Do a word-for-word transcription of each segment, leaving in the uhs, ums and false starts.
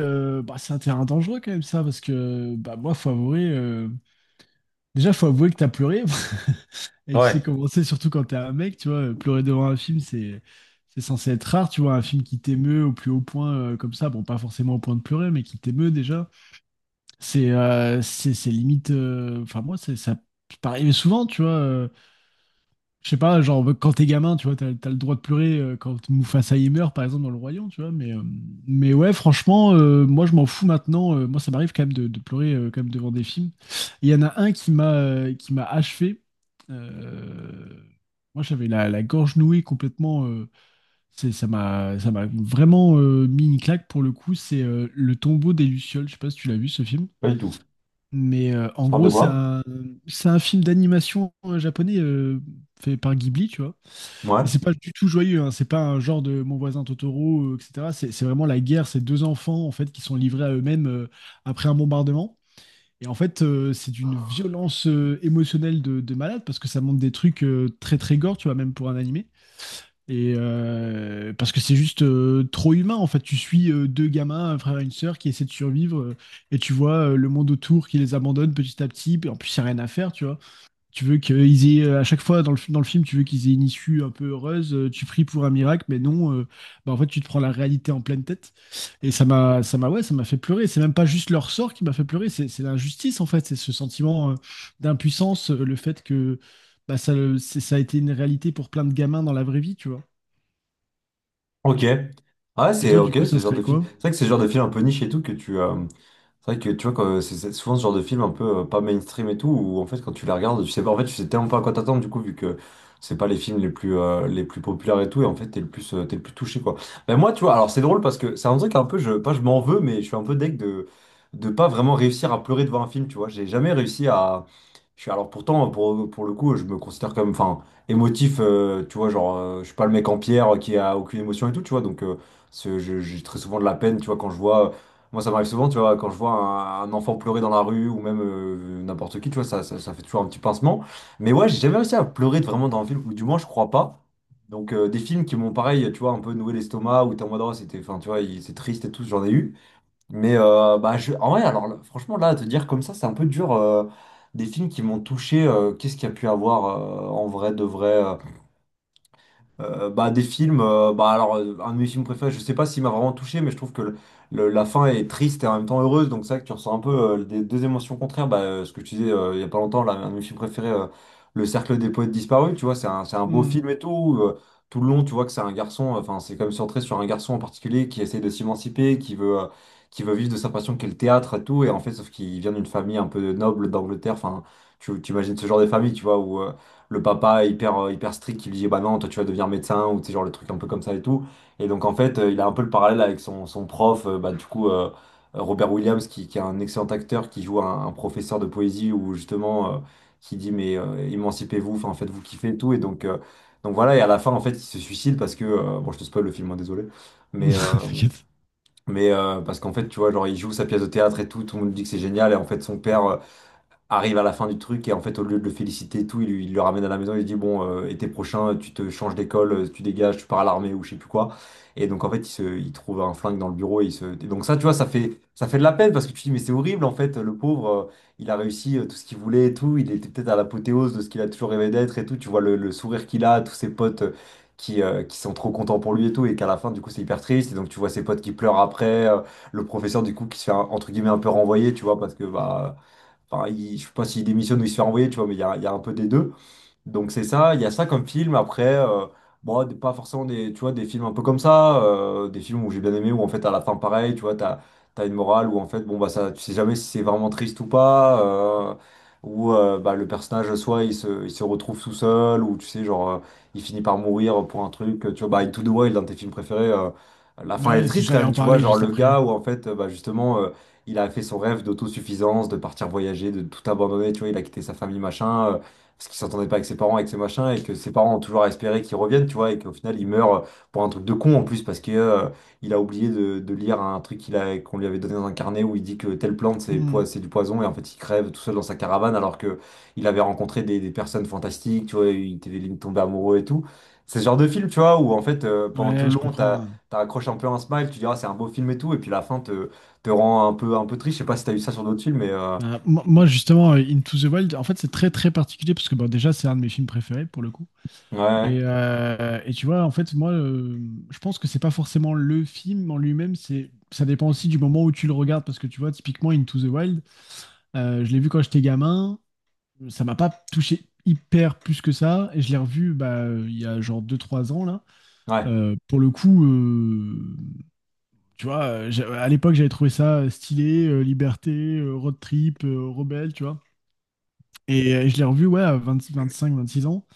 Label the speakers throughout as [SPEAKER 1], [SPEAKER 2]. [SPEAKER 1] Euh, bah, c'est un terrain dangereux quand même ça, parce que bah, moi, faut avouer, euh, déjà, faut avouer que t'as pleuré. Et tu sais
[SPEAKER 2] Ouais.
[SPEAKER 1] comment c'est, surtout quand t'es un mec, tu vois, euh, pleurer devant un film, c'est c'est censé être rare, tu vois, un film qui t'émeut au plus haut point euh, comme ça, bon, pas forcément au point de pleurer, mais qui t'émeut déjà, c'est euh, c'est c'est limite, euh, enfin moi, c'est- ça peut arriver souvent, tu vois, euh, je sais pas, genre quand t'es gamin, tu vois, t'as, t'as le droit de pleurer euh, quand Mufasa y meurt, par exemple, dans le royaume, tu vois. Mais, euh, mais ouais, franchement, euh, moi je m'en fous maintenant. Euh, moi, ça m'arrive quand même de, de pleurer euh, quand même devant des films. Et il y en a un qui m'a euh, qui m'a achevé. Euh, Moi, j'avais la, la gorge nouée complètement. euh, c'est, ça m'a ça m'a vraiment euh, mis une claque pour le coup. C'est euh, Le Tombeau des Lucioles. Je sais pas si tu l'as vu ce film.
[SPEAKER 2] Pas du tout.
[SPEAKER 1] Mais euh, en
[SPEAKER 2] Ça parle de
[SPEAKER 1] gros, c'est
[SPEAKER 2] quoi?
[SPEAKER 1] un, c'est un film d'animation euh, japonais euh, fait par Ghibli, tu vois.
[SPEAKER 2] Ouais.
[SPEAKER 1] Et c'est pas du tout joyeux, hein. C'est pas un genre de Mon voisin Totoro, euh, et cetera. C'est c'est vraiment la guerre, ces deux enfants en fait qui sont livrés à eux-mêmes euh, après un bombardement. Et en fait, euh, c'est d'une violence euh, émotionnelle de, de malade parce que ça montre des trucs euh, très très gore, tu vois, même pour un animé. Et euh, parce que c'est juste euh, trop humain en fait. Tu suis euh, deux gamins, un frère et une sœur qui essaient de survivre euh, et tu vois euh, le monde autour qui les abandonne petit à petit. Et en plus, il n'y a rien à faire, tu vois, tu veux qu'ils aient euh, à chaque fois dans le, dans le film, tu veux qu'ils aient une issue un peu heureuse, euh, tu pries pour un miracle, mais non, euh, bah en fait tu te prends la réalité en pleine tête. Et ça m'a, ça m'a, ouais, ça m'a fait pleurer. C'est même pas juste leur sort qui m'a fait pleurer, c'est, c'est l'injustice en fait, c'est ce sentiment euh, d'impuissance, euh, le fait que bah, ça, le- c'est- ça a été une réalité pour plein de gamins dans la vraie vie, tu vois.
[SPEAKER 2] Ok. Ah,
[SPEAKER 1] Et
[SPEAKER 2] c'est
[SPEAKER 1] toi, du
[SPEAKER 2] ok,
[SPEAKER 1] coup,
[SPEAKER 2] c'est
[SPEAKER 1] ça
[SPEAKER 2] ce genre
[SPEAKER 1] serait
[SPEAKER 2] de film.
[SPEAKER 1] quoi?
[SPEAKER 2] C'est vrai que c'est le genre de film un peu niche et tout que tu. Euh, C'est vrai que tu vois, quand- c'est c'est souvent ce genre de film un peu euh, pas mainstream et tout, où en fait, quand tu les regardes, tu sais pas, en fait, tu sais tellement pas à quoi t'attendre, du coup, vu que c'est pas les films les plus, euh, les plus populaires et tout, et en fait, t'es le plus, euh, t'es le plus touché, quoi. Ben moi, tu vois, alors c'est drôle parce que c'est un truc un peu, je, pas je m'en veux, mais je suis un peu deg de, de pas vraiment réussir à pleurer devant un film, tu vois. J'ai jamais réussi à. Je suis, alors pourtant, pour, pour le coup, je me considère comme. Enfin, émotif, euh, tu vois, genre, euh, je suis pas le mec en pierre euh, qui a aucune émotion et tout, tu vois, donc euh, ce- je- j'ai très souvent de la peine, tu vois, quand je vois, euh, moi ça m'arrive souvent, tu vois, quand je vois un, un enfant pleurer dans la rue ou même euh, n'importe qui, tu vois, ça, ça, ça fait toujours un petit pincement. Mais ouais, j'ai jamais réussi à pleurer vraiment dans un film, ou du moins je crois pas. Donc euh, des films qui m'ont pareil, tu vois, un peu noué l'estomac, ou t'es en mode, oh, c'était, enfin, tu vois, il- c'est triste et tout, j'en ai eu. Mais euh, bah, je... en vrai, alors là, franchement, là, à te dire comme ça, c'est un peu dur. euh, des films qui m'ont touché, euh, qu'est-ce qu'il y a pu avoir euh, en vrai, de vrai. euh, euh, bah, des films, euh, bah, alors, euh, un de mes films préférés, je sais pas s'il m'a vraiment touché, mais je trouve que le- le- la fin est triste et en même temps heureuse, donc c'est vrai que tu ressens un peu euh, des deux émotions contraires. Bah, euh, ce que je te disais euh, il y a pas longtemps, là, un de mes films préférés, euh, Le Cercle des poètes disparus, tu vois, c'est un, c'est un beau
[SPEAKER 1] Hmm.
[SPEAKER 2] film et tout. où, euh, tout le long, tu vois que c'est un garçon, euh, enfin, c'est comme centré sur un garçon en particulier qui essaie de s'émanciper, qui veut, euh, qui veut vivre de sa passion qu'est le théâtre et tout, et en fait, sauf qu'il vient d'une famille un peu noble d'Angleterre, enfin, tu tu imagines ce genre de famille, tu vois, où. euh, le papa hyper, euh, hyper strict qui lui dit bah non toi tu vas devenir médecin ou tu sais genre le truc un peu comme ça et tout, et donc en fait euh, il a un peu le parallèle avec son, son prof euh, bah du coup euh, Robert Williams qui, qui est un excellent acteur qui joue un, un professeur de poésie où justement euh, qui dit mais euh, émancipez-vous, enfin, faites-vous kiffer et tout, et donc euh, donc voilà, et à la fin en fait il se suicide parce que euh, bon, je te spoil le film, hein, désolé, mais euh,
[SPEAKER 1] T'inquiète.
[SPEAKER 2] mais euh, parce qu'en fait tu vois genre il joue sa pièce de théâtre et tout, tout le monde dit que c'est génial, et en fait son père euh, arrive à la fin du truc, et en fait au lieu de le féliciter et tout, il, lui- il le ramène à la maison, il lui dit bon, euh, été prochain tu te changes d'école, euh, tu dégages, tu pars à l'armée ou je sais plus quoi. Et donc en fait il, se, il trouve un flingue dans le bureau et il se et donc ça tu vois, ça fait ça fait de la peine, parce que tu te dis mais c'est horrible en fait, le pauvre euh, il a réussi euh, tout ce qu'il voulait et tout, il était peut-être à l'apothéose de ce qu'il a toujours rêvé d'être et tout, tu vois le, le sourire qu'il a, tous ses potes euh, qui euh, qui sont trop contents pour lui et tout, et qu'à la fin du coup c'est hyper triste, et donc tu vois ses potes qui pleurent après, euh, le professeur du coup qui se fait un- entre guillemets un peu renvoyer, tu vois, parce que bah, enfin, il- je sais pas s'il démissionne ou il se fait renvoyer, tu vois, mais il y a, il y a un peu des deux. Donc c'est ça, il y a ça comme film. Après, euh, bon, des- pas forcément des, tu vois, des films un peu comme ça, euh, des films où j'ai bien aimé, où en fait à la fin pareil, tu vois, t'as, t'as une morale où en fait, bon bah ça, tu sais jamais si c'est vraiment triste ou pas, euh, ou euh, bah, le personnage soit il se, il se retrouve tout seul, ou tu sais genre euh, il finit par mourir pour un truc, tu vois, bah Into the Wild, un de tes films préférés, euh, la fin elle
[SPEAKER 1] Ouais,
[SPEAKER 2] est
[SPEAKER 1] c'est-
[SPEAKER 2] triste quand
[SPEAKER 1] j'allais
[SPEAKER 2] même,
[SPEAKER 1] en
[SPEAKER 2] tu vois,
[SPEAKER 1] parler
[SPEAKER 2] genre
[SPEAKER 1] juste
[SPEAKER 2] le
[SPEAKER 1] après.
[SPEAKER 2] gars où en fait, euh, bah justement. euh, Il a fait son rêve d'autosuffisance, de partir voyager, de tout abandonner, tu vois, il a quitté sa famille, machin. euh, parce qu'il s'entendait pas avec ses parents, avec ses machins, et que ses parents ont toujours espéré qu'il revienne, tu vois, et qu'au final il meurt pour un truc de con en plus, parce que euh, il a oublié de, de lire un truc qu'il a, qu'on lui avait donné dans un carnet où il dit que telle plante c'est poi-
[SPEAKER 1] Hmm.
[SPEAKER 2] c'est du poison, et en fait il crève tout seul dans sa caravane alors que il avait rencontré des, des personnes fantastiques, tu vois, il était il tombé amoureux et tout. C'est ce genre de film, tu vois, où en fait euh, pendant tout
[SPEAKER 1] Ouais,
[SPEAKER 2] le
[SPEAKER 1] je
[SPEAKER 2] long t'as
[SPEAKER 1] comprends.
[SPEAKER 2] t'as accroché un peu un smile, tu diras c'est un beau film et tout, et puis la fin te, te rend un peu, un peu triste. Je sais pas si t'as eu ça sur d'autres films, mais euh,
[SPEAKER 1] Euh, moi, moi, justement, euh, Into the Wild, en fait, c'est très très particulier parce que bon, déjà, c'est un de mes films préférés pour le coup. Et,
[SPEAKER 2] ouais,
[SPEAKER 1] euh, et tu vois, en fait, moi, euh, je pense que c'est pas forcément le film en lui-même, c'est ça dépend aussi du moment où tu le regardes parce que tu vois, typiquement, Into the Wild, euh, je l'ai vu quand j'étais gamin, ça m'a pas touché hyper plus que ça, et je l'ai revu bah, il y a genre deux trois ans là.
[SPEAKER 2] ouais.
[SPEAKER 1] Euh, pour le coup, euh, tu vois, j'ai- à l'époque j'avais trouvé ça stylé, euh, liberté, euh, road trip, euh, rebelle, tu vois. Et euh, je l'ai revu, ouais, à vingt vingt cinq vingt six ans.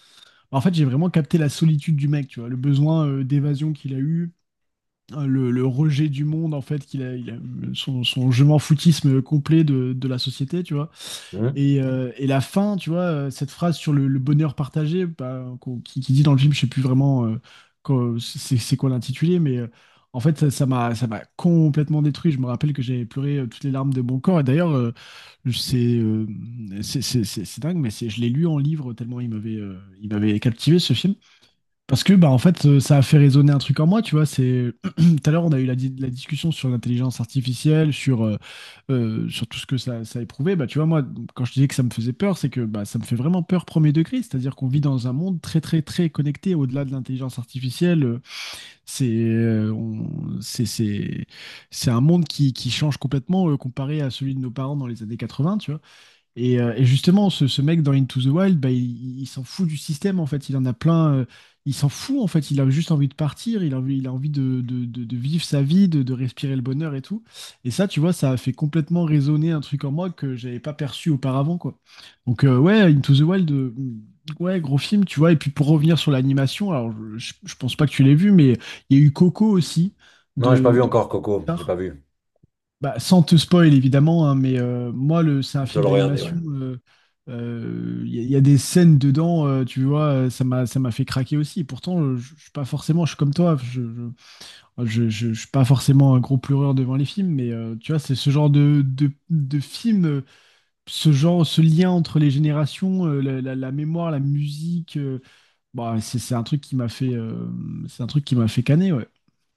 [SPEAKER 1] Bah, en fait, j'ai vraiment capté la solitude du mec, tu vois, le besoin euh, d'évasion qu'il a eu, euh, le, le rejet du monde, en fait, qu'il a, il a eu, son, son je m'en foutisme complet de, de la société, tu vois. Et, euh, et la fin, tu vois, euh, cette phrase sur le, le bonheur partagé, bah, qu'on- qui, qui dit dans le film, je sais plus vraiment euh, quoi- c'est c'est quoi l'intitulé, mais euh, en fait, ça ça m'a ça m'a complètement détruit. Je me rappelle que j'avais pleuré euh, toutes les larmes de mon corps. Et d'ailleurs, euh, c'est euh, c'est c'est- c'est- c'est dingue, mais c'est, je l'ai lu en livre tellement il m'avait euh, il m'avait captivé ce film. Parce que, bah, en fait, euh, ça a fait résonner un truc en moi, tu vois. C'est… Tout à l'heure, on a eu la, di- la discussion sur l'intelligence artificielle, sur, euh, euh, sur tout ce que ça, ça éprouvait. Bah, tu vois, moi, quand je disais que ça me faisait peur, c'est que bah, ça me fait vraiment peur premier degré. C'est-à-dire qu'on vit dans un monde très, très, très connecté au-delà de l'intelligence artificielle. Euh, C'est euh, on- c'est, c'est, c'est un monde qui, qui change complètement euh, comparé à celui de nos parents dans les années quatre-vingts, tu vois. Et, euh, et justement, ce, ce mec dans Into the Wild, bah, il, il s'en fout du système en fait. Il en a plein. Euh, il s'en fout en fait. Il a juste envie de partir. Il a envie, il a envie de, de- de- de vivre sa vie, de, de respirer le bonheur et tout. Et ça, tu vois, ça a fait complètement résonner un truc en moi que j'avais pas perçu auparavant, quoi. Donc euh, ouais, Into the Wild, euh, ouais, gros film, tu vois. Et puis pour revenir sur l'animation, alors je, je- je pense pas que tu l'aies vu, mais il y a eu Coco aussi
[SPEAKER 2] Non, j'ai pas
[SPEAKER 1] de,
[SPEAKER 2] vu
[SPEAKER 1] de
[SPEAKER 2] encore Coco, j'ai
[SPEAKER 1] Pixar.
[SPEAKER 2] pas vu.
[SPEAKER 1] Bah, sans te spoil évidemment, hein, mais euh, moi le, c'est un
[SPEAKER 2] Je dois
[SPEAKER 1] film
[SPEAKER 2] le regarder, ouais.
[SPEAKER 1] d'animation. euh, euh, Il y, a il y a des scènes dedans, euh, tu vois, euh, ça m'a ça m'a fait craquer aussi. Pourtant, euh, je je suis pas forcément, je suis comme toi, je, je, je, je- je suis pas forcément un gros pleureur devant les films, mais euh, tu vois, c'est ce genre de, de, de film, euh, ce genre, ce lien entre les générations, euh, la, la- la mémoire, la musique, euh, bah, c'est c'est un truc qui m'a fait, euh, c'est un truc qui m'a fait caner, ouais.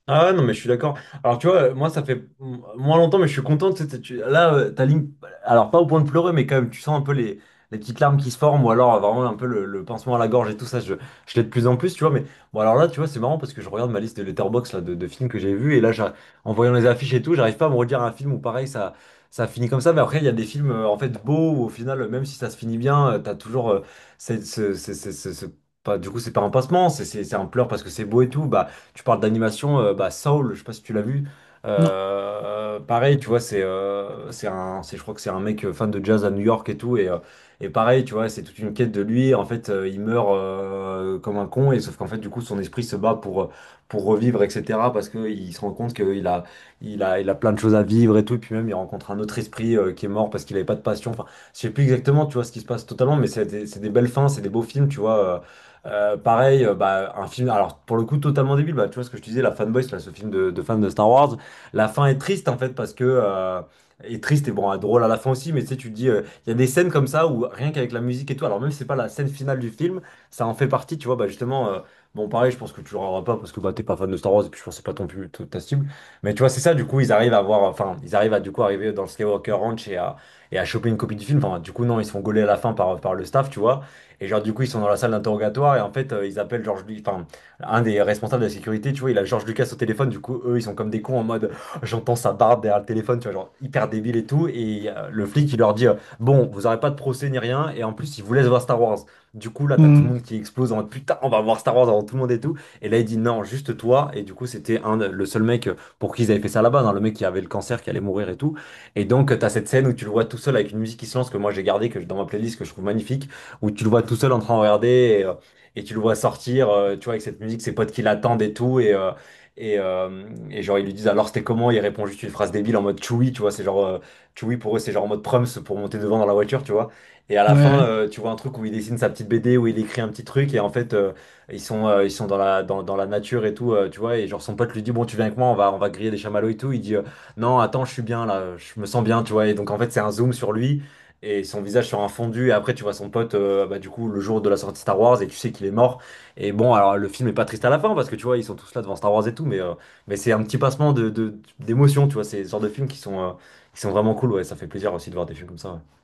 [SPEAKER 2] Ah ouais, non, mais je suis d'accord. Alors, tu vois, moi, ça fait m- moins longtemps, mais je suis content. Tu sais, t'es- tu- là, euh, ta ligne, alors pas au point de pleurer, mais quand même, tu sens un peu les, les petites larmes qui se forment, ou alors euh, vraiment un peu le, le pincement à la gorge et tout ça. Je, je l'ai de plus en plus, tu vois. Mais bon, alors là, tu vois, c'est marrant parce que je regarde ma liste de Letterboxd là, de, de films que j'ai vus, et là, j'a- en voyant les affiches et tout, j'arrive pas à me redire un film où pareil, ça, ça finit comme ça. Mais après, il y a des films, euh, en fait, beaux, où au final, euh, même si ça se finit bien, euh, t'as toujours. euh, cette- ce- ce- ce- ce- ce- pas, du coup, c'est pas un pincement, c'est c'est- c'est un pleur parce que c'est beau et tout. Bah, tu parles d'animation, euh, bah Saul, je sais pas si tu l'as vu.
[SPEAKER 1] Non.
[SPEAKER 2] Euh, pareil, tu vois, c'est euh, c'est un, c'est, je crois que c'est un mec euh, fan de jazz à New York et tout, et, euh, et pareil, tu vois, c'est toute une quête de lui. En fait, euh, il meurt euh, comme un con, et sauf qu'en fait, du coup, son esprit se bat pour euh, pour revivre, et cetera. Parce que il se rend compte qu'il a il a il a plein de choses à vivre et tout, et puis même il rencontre un autre esprit euh, qui est mort parce qu'il avait pas de passion. Enfin, je sais plus exactement, tu vois, ce qui se passe totalement, mais c'est des, c'est des belles fins, c'est des beaux films, tu vois. Euh, euh, pareil, euh, bah, un film, alors pour le coup totalement débile, bah, tu vois ce que je te disais, La Fanboy, c'est là, ce film de, de fans de Star Wars. La fin est triste en fait parce que... euh, est triste et bon, euh, drôle à la fin aussi, mais tu sais, tu te dis, euh, il y a des scènes comme ça où rien qu'avec la musique et tout, alors même si c'est pas la scène finale du film, ça en fait partie, tu vois, bah justement, euh, bon pareil, je pense que tu l'auras pas parce que bah t'es pas fan de Star Wars et puis je pense que c'est pas ton plus ta ta cible, mais tu vois, c'est ça, du coup, ils arrivent à voir, enfin, ils arrivent à du coup arriver dans le Skywalker Ranch et à, et à choper une copie du film, enfin, du coup, non, ils se font gauler à la fin par, par le staff, tu vois. Et genre, du coup, ils sont dans la salle d'interrogatoire et en fait, euh, ils appellent George Lucas, enfin, un des responsables de la sécurité, tu vois, il a George Lucas au téléphone, du coup, eux, ils sont comme des cons en mode, j'entends sa barbe derrière le téléphone, tu vois, genre, hyper débile et tout. Et euh, le flic, il leur dit, euh, bon, vous aurez pas de procès ni rien, et en plus, il vous laisse voir Star Wars. Du coup, là, t'as tout le monde
[SPEAKER 1] Mm.
[SPEAKER 2] qui explose en mode, putain, on va voir Star Wars avant tout le monde et tout. Et là, il dit, non, juste toi. Et du coup, c'était un, le seul mec pour qui ils avaient fait ça là-bas, hein, le mec qui avait le cancer, qui allait mourir et tout. Et donc, t'as cette scène où tu le vois tout seul avec une musique qui se lance que moi j'ai gardée que, dans ma playlist, que je trouve magnifique, où tu le vois tout seul en train de regarder, et, euh, et tu le vois sortir, euh, tu vois, avec cette musique, ses potes qui l'attendent et tout. Et, euh, et, euh, et genre, ils lui disent alors c'était comment? Il répond juste une phrase débile en mode Chewie, tu vois, c'est genre euh, Chewie pour eux, c'est genre en mode Prums pour monter devant dans la voiture, tu vois. Et à la fin,
[SPEAKER 1] Ouais.
[SPEAKER 2] euh, tu vois un truc où il dessine sa petite B D, où il écrit un petit truc, et en fait, euh, ils sont, euh, ils sont dans la, dans, dans la nature et tout, euh, tu vois. Et genre, son pote lui dit, bon, tu viens avec moi, on va, on va griller des chamallows et tout. Il dit, euh, non, attends, je suis bien là, je me sens bien, tu vois. Et donc, en fait, c'est un zoom sur lui et son visage sur un fondu. Et après, tu vois son pote, euh, bah, du coup, le jour de la sortie Star Wars, et tu sais qu'il est mort. Et bon, alors le film est pas triste à la fin, parce que tu vois, ils sont tous là devant Star Wars et tout, mais, euh, mais c'est un petit passement de, de, d'émotion, tu vois. C'est ce genre de films qui sont, euh, qui sont vraiment cool, ouais. Ça fait plaisir aussi de voir des films comme ça, ouais.